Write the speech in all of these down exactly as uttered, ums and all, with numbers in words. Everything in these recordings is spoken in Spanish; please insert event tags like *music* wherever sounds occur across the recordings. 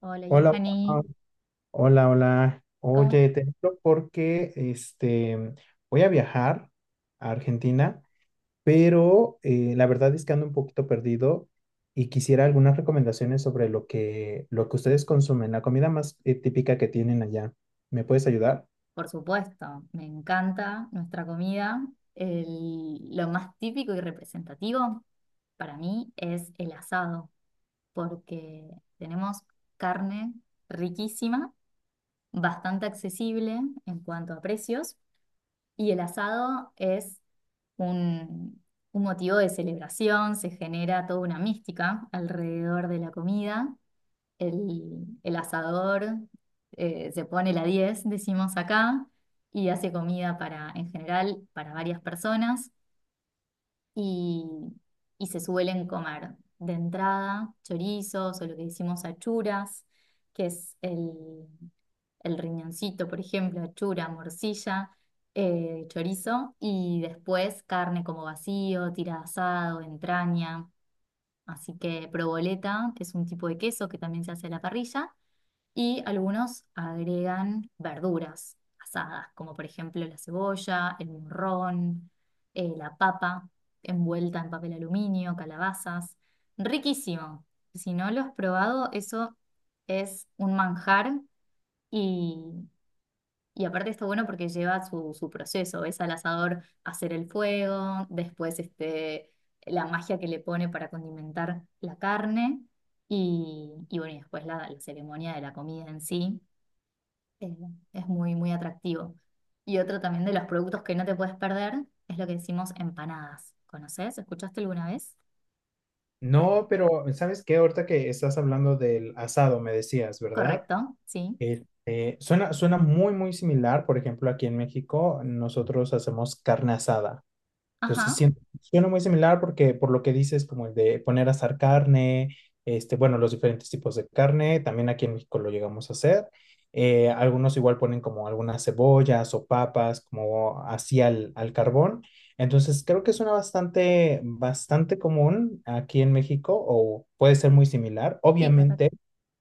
Hola, Hola, hola, Johanny. hola, hola. ¿Cómo es? Oye, te hablo porque este, voy a viajar a Argentina, pero eh, la verdad es que ando un poquito perdido y quisiera algunas recomendaciones sobre lo que, lo que ustedes consumen, la comida más eh, típica que tienen allá. ¿Me puedes ayudar? Por supuesto, me encanta nuestra comida. El- lo más típico y representativo para mí es el asado, porque tenemos carne riquísima, bastante accesible en cuanto a precios, y el asado es un, un motivo de celebración. Se genera toda una mística alrededor de la comida, el, el asador, eh, se pone la diez, decimos acá, y hace comida para, en general, para varias personas, y, y se suelen comer de entrada chorizos o lo que decimos achuras, que es el, el riñoncito, por ejemplo, achura, morcilla. Eh, chorizo y después carne como vacío, tira de asado, entraña. Así que provoleta es un tipo de queso que también se hace a la parrilla, y algunos agregan verduras asadas, como por ejemplo la cebolla, el morrón, eh, la papa envuelta en papel aluminio, calabazas. Riquísimo. Si no lo has probado, eso es un manjar, y, y aparte está bueno porque lleva su, su proceso. Ves al asador hacer el fuego, después este, la magia que le pone para condimentar la carne. Y, y bueno, y después la, la ceremonia de la comida en sí, eh, es muy, muy atractivo. Y otro también de los productos que no te puedes perder es lo que decimos empanadas. ¿Conoces? ¿Escuchaste alguna vez? No, pero ¿sabes qué? Ahorita que estás hablando del asado, me decías, ¿verdad? Correcto, sí. Este, suena, suena muy, muy similar. Por ejemplo, aquí en México nosotros hacemos carne asada. Entonces, Ajá, siento, suena muy similar porque por lo que dices, como el de poner a asar carne, este, bueno, los diferentes tipos de carne, también aquí en México lo llegamos a hacer. Eh, algunos igual ponen como algunas cebollas o papas, como así al, al carbón. Entonces, creo que suena bastante, bastante común aquí en México o puede ser muy similar. sí, Obviamente correcto.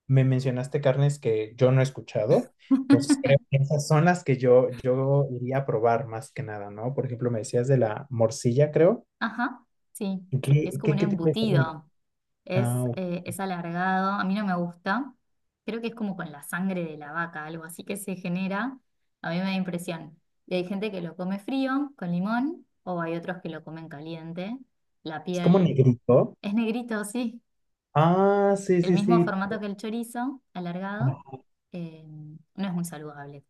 me mencionaste carnes que yo no he escuchado, entonces creo *laughs* que esas son las que yo, yo iría a probar más que nada, ¿no? Por ejemplo, me decías de la morcilla, creo. Ajá, sí. Es ¿Qué, como qué, un qué tipo de carne? embutido. Ah, Es, ok. eh, es alargado. A mí no me gusta. Creo que es como con la sangre de la vaca, algo así que se genera. A mí me da impresión. Y hay gente que lo come frío, con limón, o hay otros que lo comen caliente. La Es como piel negrito. es negrito, sí. Ah, sí, El sí, mismo sí. formato que el chorizo, alargado, Ah, eh, no es muy saludable.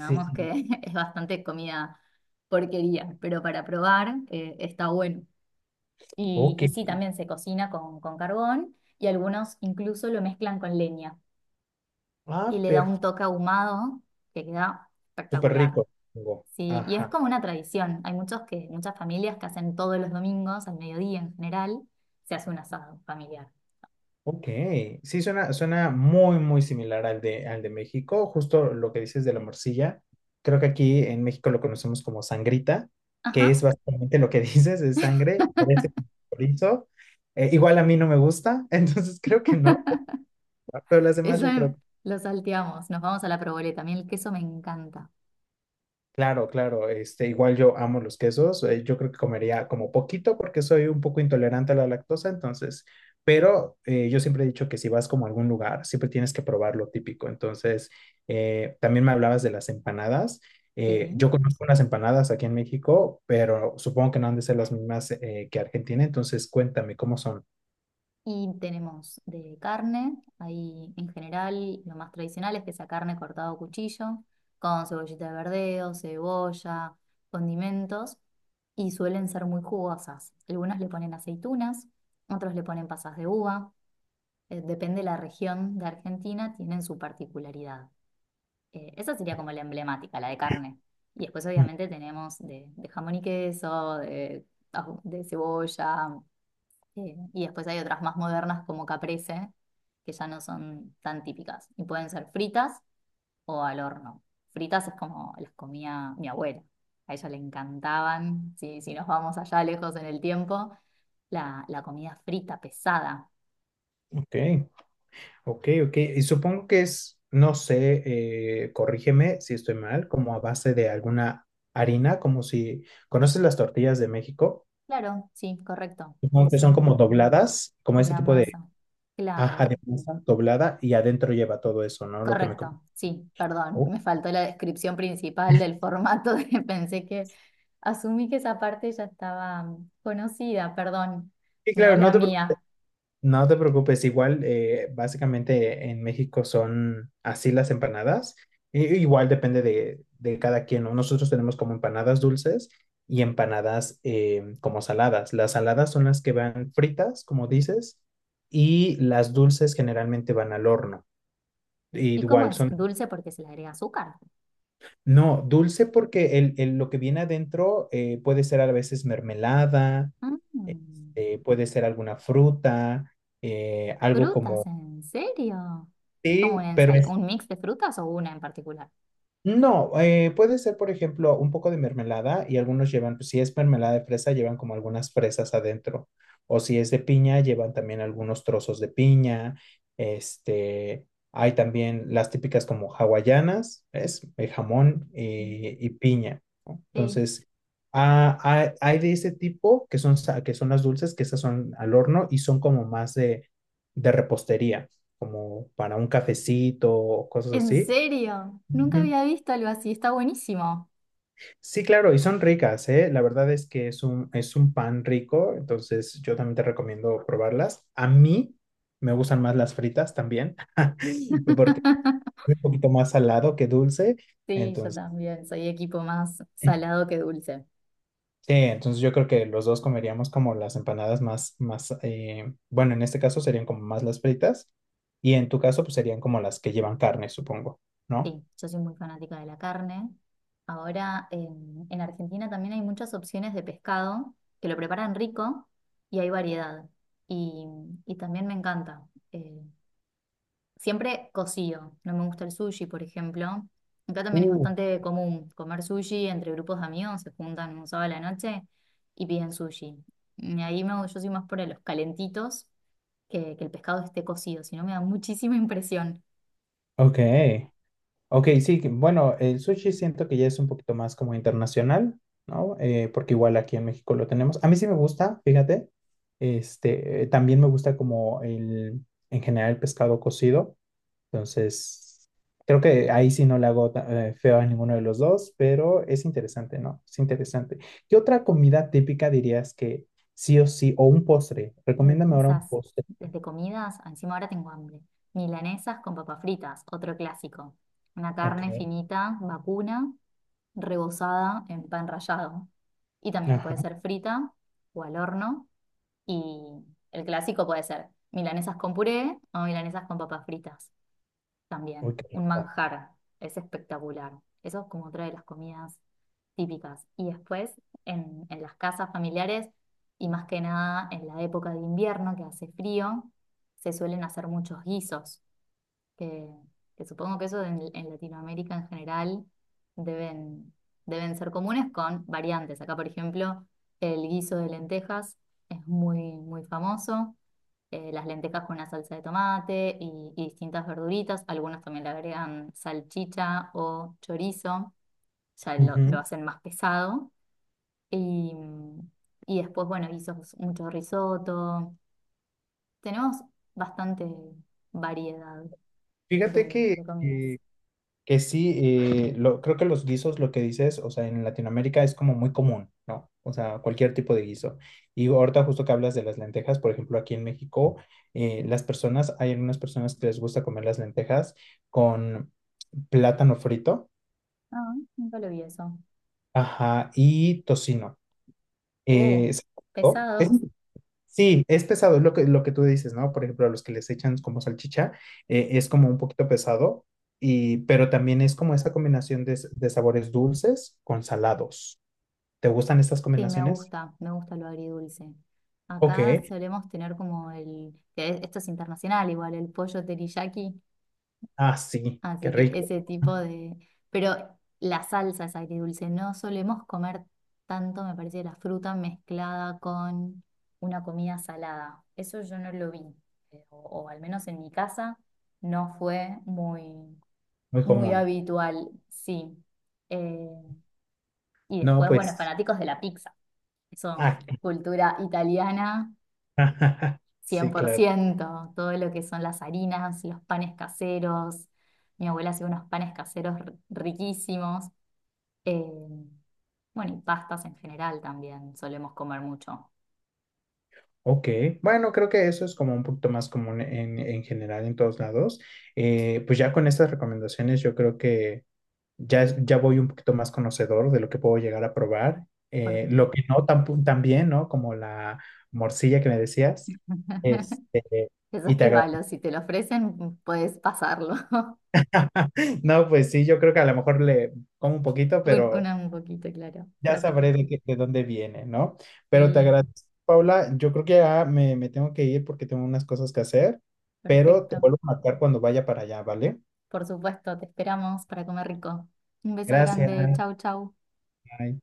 sí, que sí. *laughs* es bastante comida porquería, pero para probar, eh, está bueno. Y, Ok. y sí, también se cocina con, con carbón, y algunos incluso lo mezclan con leña y Ah, le da un perfecto. toque ahumado que queda Súper espectacular. rico, supongo. Sí, y es Ajá. como una tradición. Hay muchos que, muchas familias que hacen todos los domingos, al mediodía en general, se hace un asado familiar. Ok, sí, suena, suena muy, muy similar al de, al de México, justo lo que dices de la morcilla. Creo que aquí en México lo conocemos como sangrita, que es Ajá. básicamente lo que *laughs* dices, es sangre, parece chorizo. Eh, igual a mí no me gusta, *laughs* entonces creo que no, pero las demás Eso yo em- creo. lo salteamos, nos vamos a la provoleta. A mí el queso me encanta. Claro, claro, este, igual yo amo los quesos, eh, yo creo que comería como poquito porque soy un poco intolerante a la lactosa, entonces, pero eh, yo siempre he dicho que si vas como a algún lugar, siempre tienes que probar lo típico, entonces, eh, también me hablabas de las empanadas, eh, yo Sí. conozco unas empanadas aquí en México, pero supongo que no han de ser las mismas eh, que Argentina, entonces cuéntame cómo son. Y tenemos de carne, ahí en general lo más tradicional es que sea carne cortada a cuchillo, con cebollita de verdeo, cebolla, condimentos, y suelen ser muy jugosas. Algunas le ponen aceitunas, otros le ponen pasas de uva. Eh, depende de la región de Argentina, tienen su particularidad. Eh, esa sería como la emblemática, la de carne. Y después Mm. obviamente tenemos de, de jamón y queso, de, ajo- de cebolla, eh, y después hay otras más modernas como caprese, que ya no son tan típicas. Y pueden ser fritas o al horno. Fritas es como las comía mi abuela. A ella le encantaban. Si, si nos vamos allá lejos en el tiempo, la, la comida frita, pesada. Ok. Ok, ok. Y supongo que es, no sé, eh, corrígeme si estoy mal, como a base de alguna harina, como si, ¿conoces las tortillas de México? Claro, sí, correcto. Supongo que Es son como un, dobladas, como ese una tipo de, masa. Claro. ajá, de masa doblada y adentro lleva todo eso, ¿no? Lo que me com- Correcto, sí, perdón, Oh, me faltó la descripción principal del formato, *laughs* de- pensé que asumí que esa parte ya estaba, mm, conocida, perdón, sí, claro, no mala te. mía. No te preocupes, igual eh, básicamente en México son así las empanadas. I- igual depende de, de cada quien, ¿no? Nosotros tenemos como empanadas dulces y empanadas eh, como saladas. Las saladas son las que van fritas, como dices, y las dulces generalmente van al horno. Y ¿Y cómo igual es? son, ¿Dulce porque se le agrega azúcar? no, dulce porque el, el- lo que viene adentro eh, puede ser a veces mermelada, Mm, este, puede ser alguna fruta, eh, algo Frutas, como... ¿en serio? ¿Como Sí, una pero ensala- un mix de frutas o una en particular? no, eh, puede ser, por ejemplo, un poco de mermelada y algunos llevan, pues, si es mermelada de fresa, llevan como algunas fresas adentro. O si es de piña, llevan también algunos trozos de piña. Este, hay también las típicas como hawaianas, ¿ves? Eh, jamón Mm, y, y piña, ¿no? sí. Entonces, ah, hay, hay de ese tipo que son, sa- que son las dulces, que esas son al horno y son como más de, de repostería, como para un cafecito o cosas ¿En así. serio? Nunca había visto algo así, está buenísimo. Sí, claro, y son ricas, ¿eh? La verdad es que es un, es un pan rico, entonces yo también te recomiendo probarlas. A mí me gustan más las fritas también, *laughs* porque *laughs* es un poquito más salado que dulce, Sí, yo entonces, también, soy equipo más sí, salado que dulce. entonces yo creo que los dos comeríamos como las empanadas más, más, eh, bueno, en este caso serían como más las fritas, y en tu caso pues serían como las que llevan carne, supongo, ¿no? Sí, yo soy muy fanática de la carne. Ahora en, en Argentina también hay muchas opciones de pescado que lo preparan rico y hay variedad. Y, y también me encanta. Eh, siempre cocido. No me gusta el sushi, por ejemplo. Acá también es Uh, bastante común comer sushi entre grupos de amigos, se juntan un sábado a la noche y piden sushi. Y ahí me, yo soy más por los calentitos, que, que el pescado esté cocido, si no me da muchísima *laughs* impresión. ok. Ok, sí, que- bueno, el sushi siento que ya es un poquito más como internacional, ¿no? Eh, porque igual aquí en México lo tenemos. A mí sí me gusta, fíjate. Este, eh, también me gusta como el, en general el pescado cocido. Entonces, creo que ahí sí no le hago ta- eh, feo a ninguno de los dos, pero es interesante, ¿no? Es interesante. ¿Qué otra comida típica dirías que sí o sí, o un postre? Recomiéndame ahora un Milanesas, postre. desde comidas, encima ahora tengo hambre. Milanesas con papas fritas, otro clásico. Una Ok, carne finita, vacuna, rebozada en pan rallado. Y también puede ajá, ser frita o al horno. Y el clásico puede ser milanesas con puré o milanesas con papas fritas, uy, también qué un rico. manjar, es espectacular. Eso es como otra de las comidas típicas. Y después en, en las casas familiares, y más que nada en la época de invierno que hace frío, se suelen hacer muchos guisos, que, que supongo que eso en, en Latinoamérica en general deben, deben ser comunes con variantes. Acá, por ejemplo, el guiso de lentejas es muy, muy famoso. Eh, las lentejas con una salsa de tomate y, y distintas verduritas. Algunos también le agregan salchicha o chorizo, ya lo, lo Ujú. hacen más pesado. Y, y después, bueno, hizo mucho risotto. Tenemos bastante variedad Fíjate de, que, de comidas. que Que sí, eh, lo, creo que los guisos, lo que dices, o sea, en Latinoamérica es como muy común, ¿no? O sea, cualquier tipo de guiso. Y ahorita justo que hablas de las lentejas, por ejemplo, aquí en México, eh, las personas, hay algunas personas que les gusta comer las lentejas con plátano frito, Ah, nunca lo vi eso. ajá, y tocino. Uh, Eh, ¿sabes? pesado. Sí, es pesado, es lo que, lo que tú dices, ¿no? Por ejemplo, a los que les echan como salchicha, eh, es como un poquito pesado, y, pero también es como esa combinación de, s- de sabores dulces con salados. ¿Te gustan estas Sí, me combinaciones? gusta, me gusta lo agridulce. Ok. Acá solemos tener como el, que esto es internacional igual, el pollo teriyaki. Ah, sí, qué Así que rico, ese tipo de... Pero la salsa es agridulce. No solemos comer tanto, me parece, la fruta mezclada con una comida salada. Eso yo no lo vi, eh, O, o al menos en mi casa no fue muy, muy muy común. habitual, sí. Eh, y No, después, bueno, pues, fanáticos de la pizza. ah, Eso, cultura italiana *laughs* cien sí, por claro. ciento Todo lo que son las harinas, los panes caseros. Mi abuela hacía unos panes caseros r- riquísimos. Eh, bueno, y pastas en general también solemos comer mucho. Ok, bueno, creo que eso es como un poquito más común en, en general en todos lados. Eh, pues ya con estas recomendaciones yo creo que ya, es- ya voy un poquito más conocedor de lo que puedo llegar a probar. Por- Eh, lo que no tan, pu- tan bien, ¿no? Como la morcilla que me decías. *laughs* Este, Eso es y te que agradezco. valo, si te lo ofrecen, puedes pasarlo. *laughs* *laughs* No, pues sí, yo creo que a lo mejor le como un poquito, Un- pero Una, un poquito, claro, ya para sabré de, sacarte. qué- de dónde viene, ¿no? Pero te Sí, agradezco, Paula. Yo creo que ya me, me tengo que ir porque tengo unas cosas que hacer, pero te perfecto. vuelvo a marcar cuando vaya para allá, ¿vale? Por supuesto, te esperamos para comer rico. Un beso grande, Gracias. chau, chau. Bye.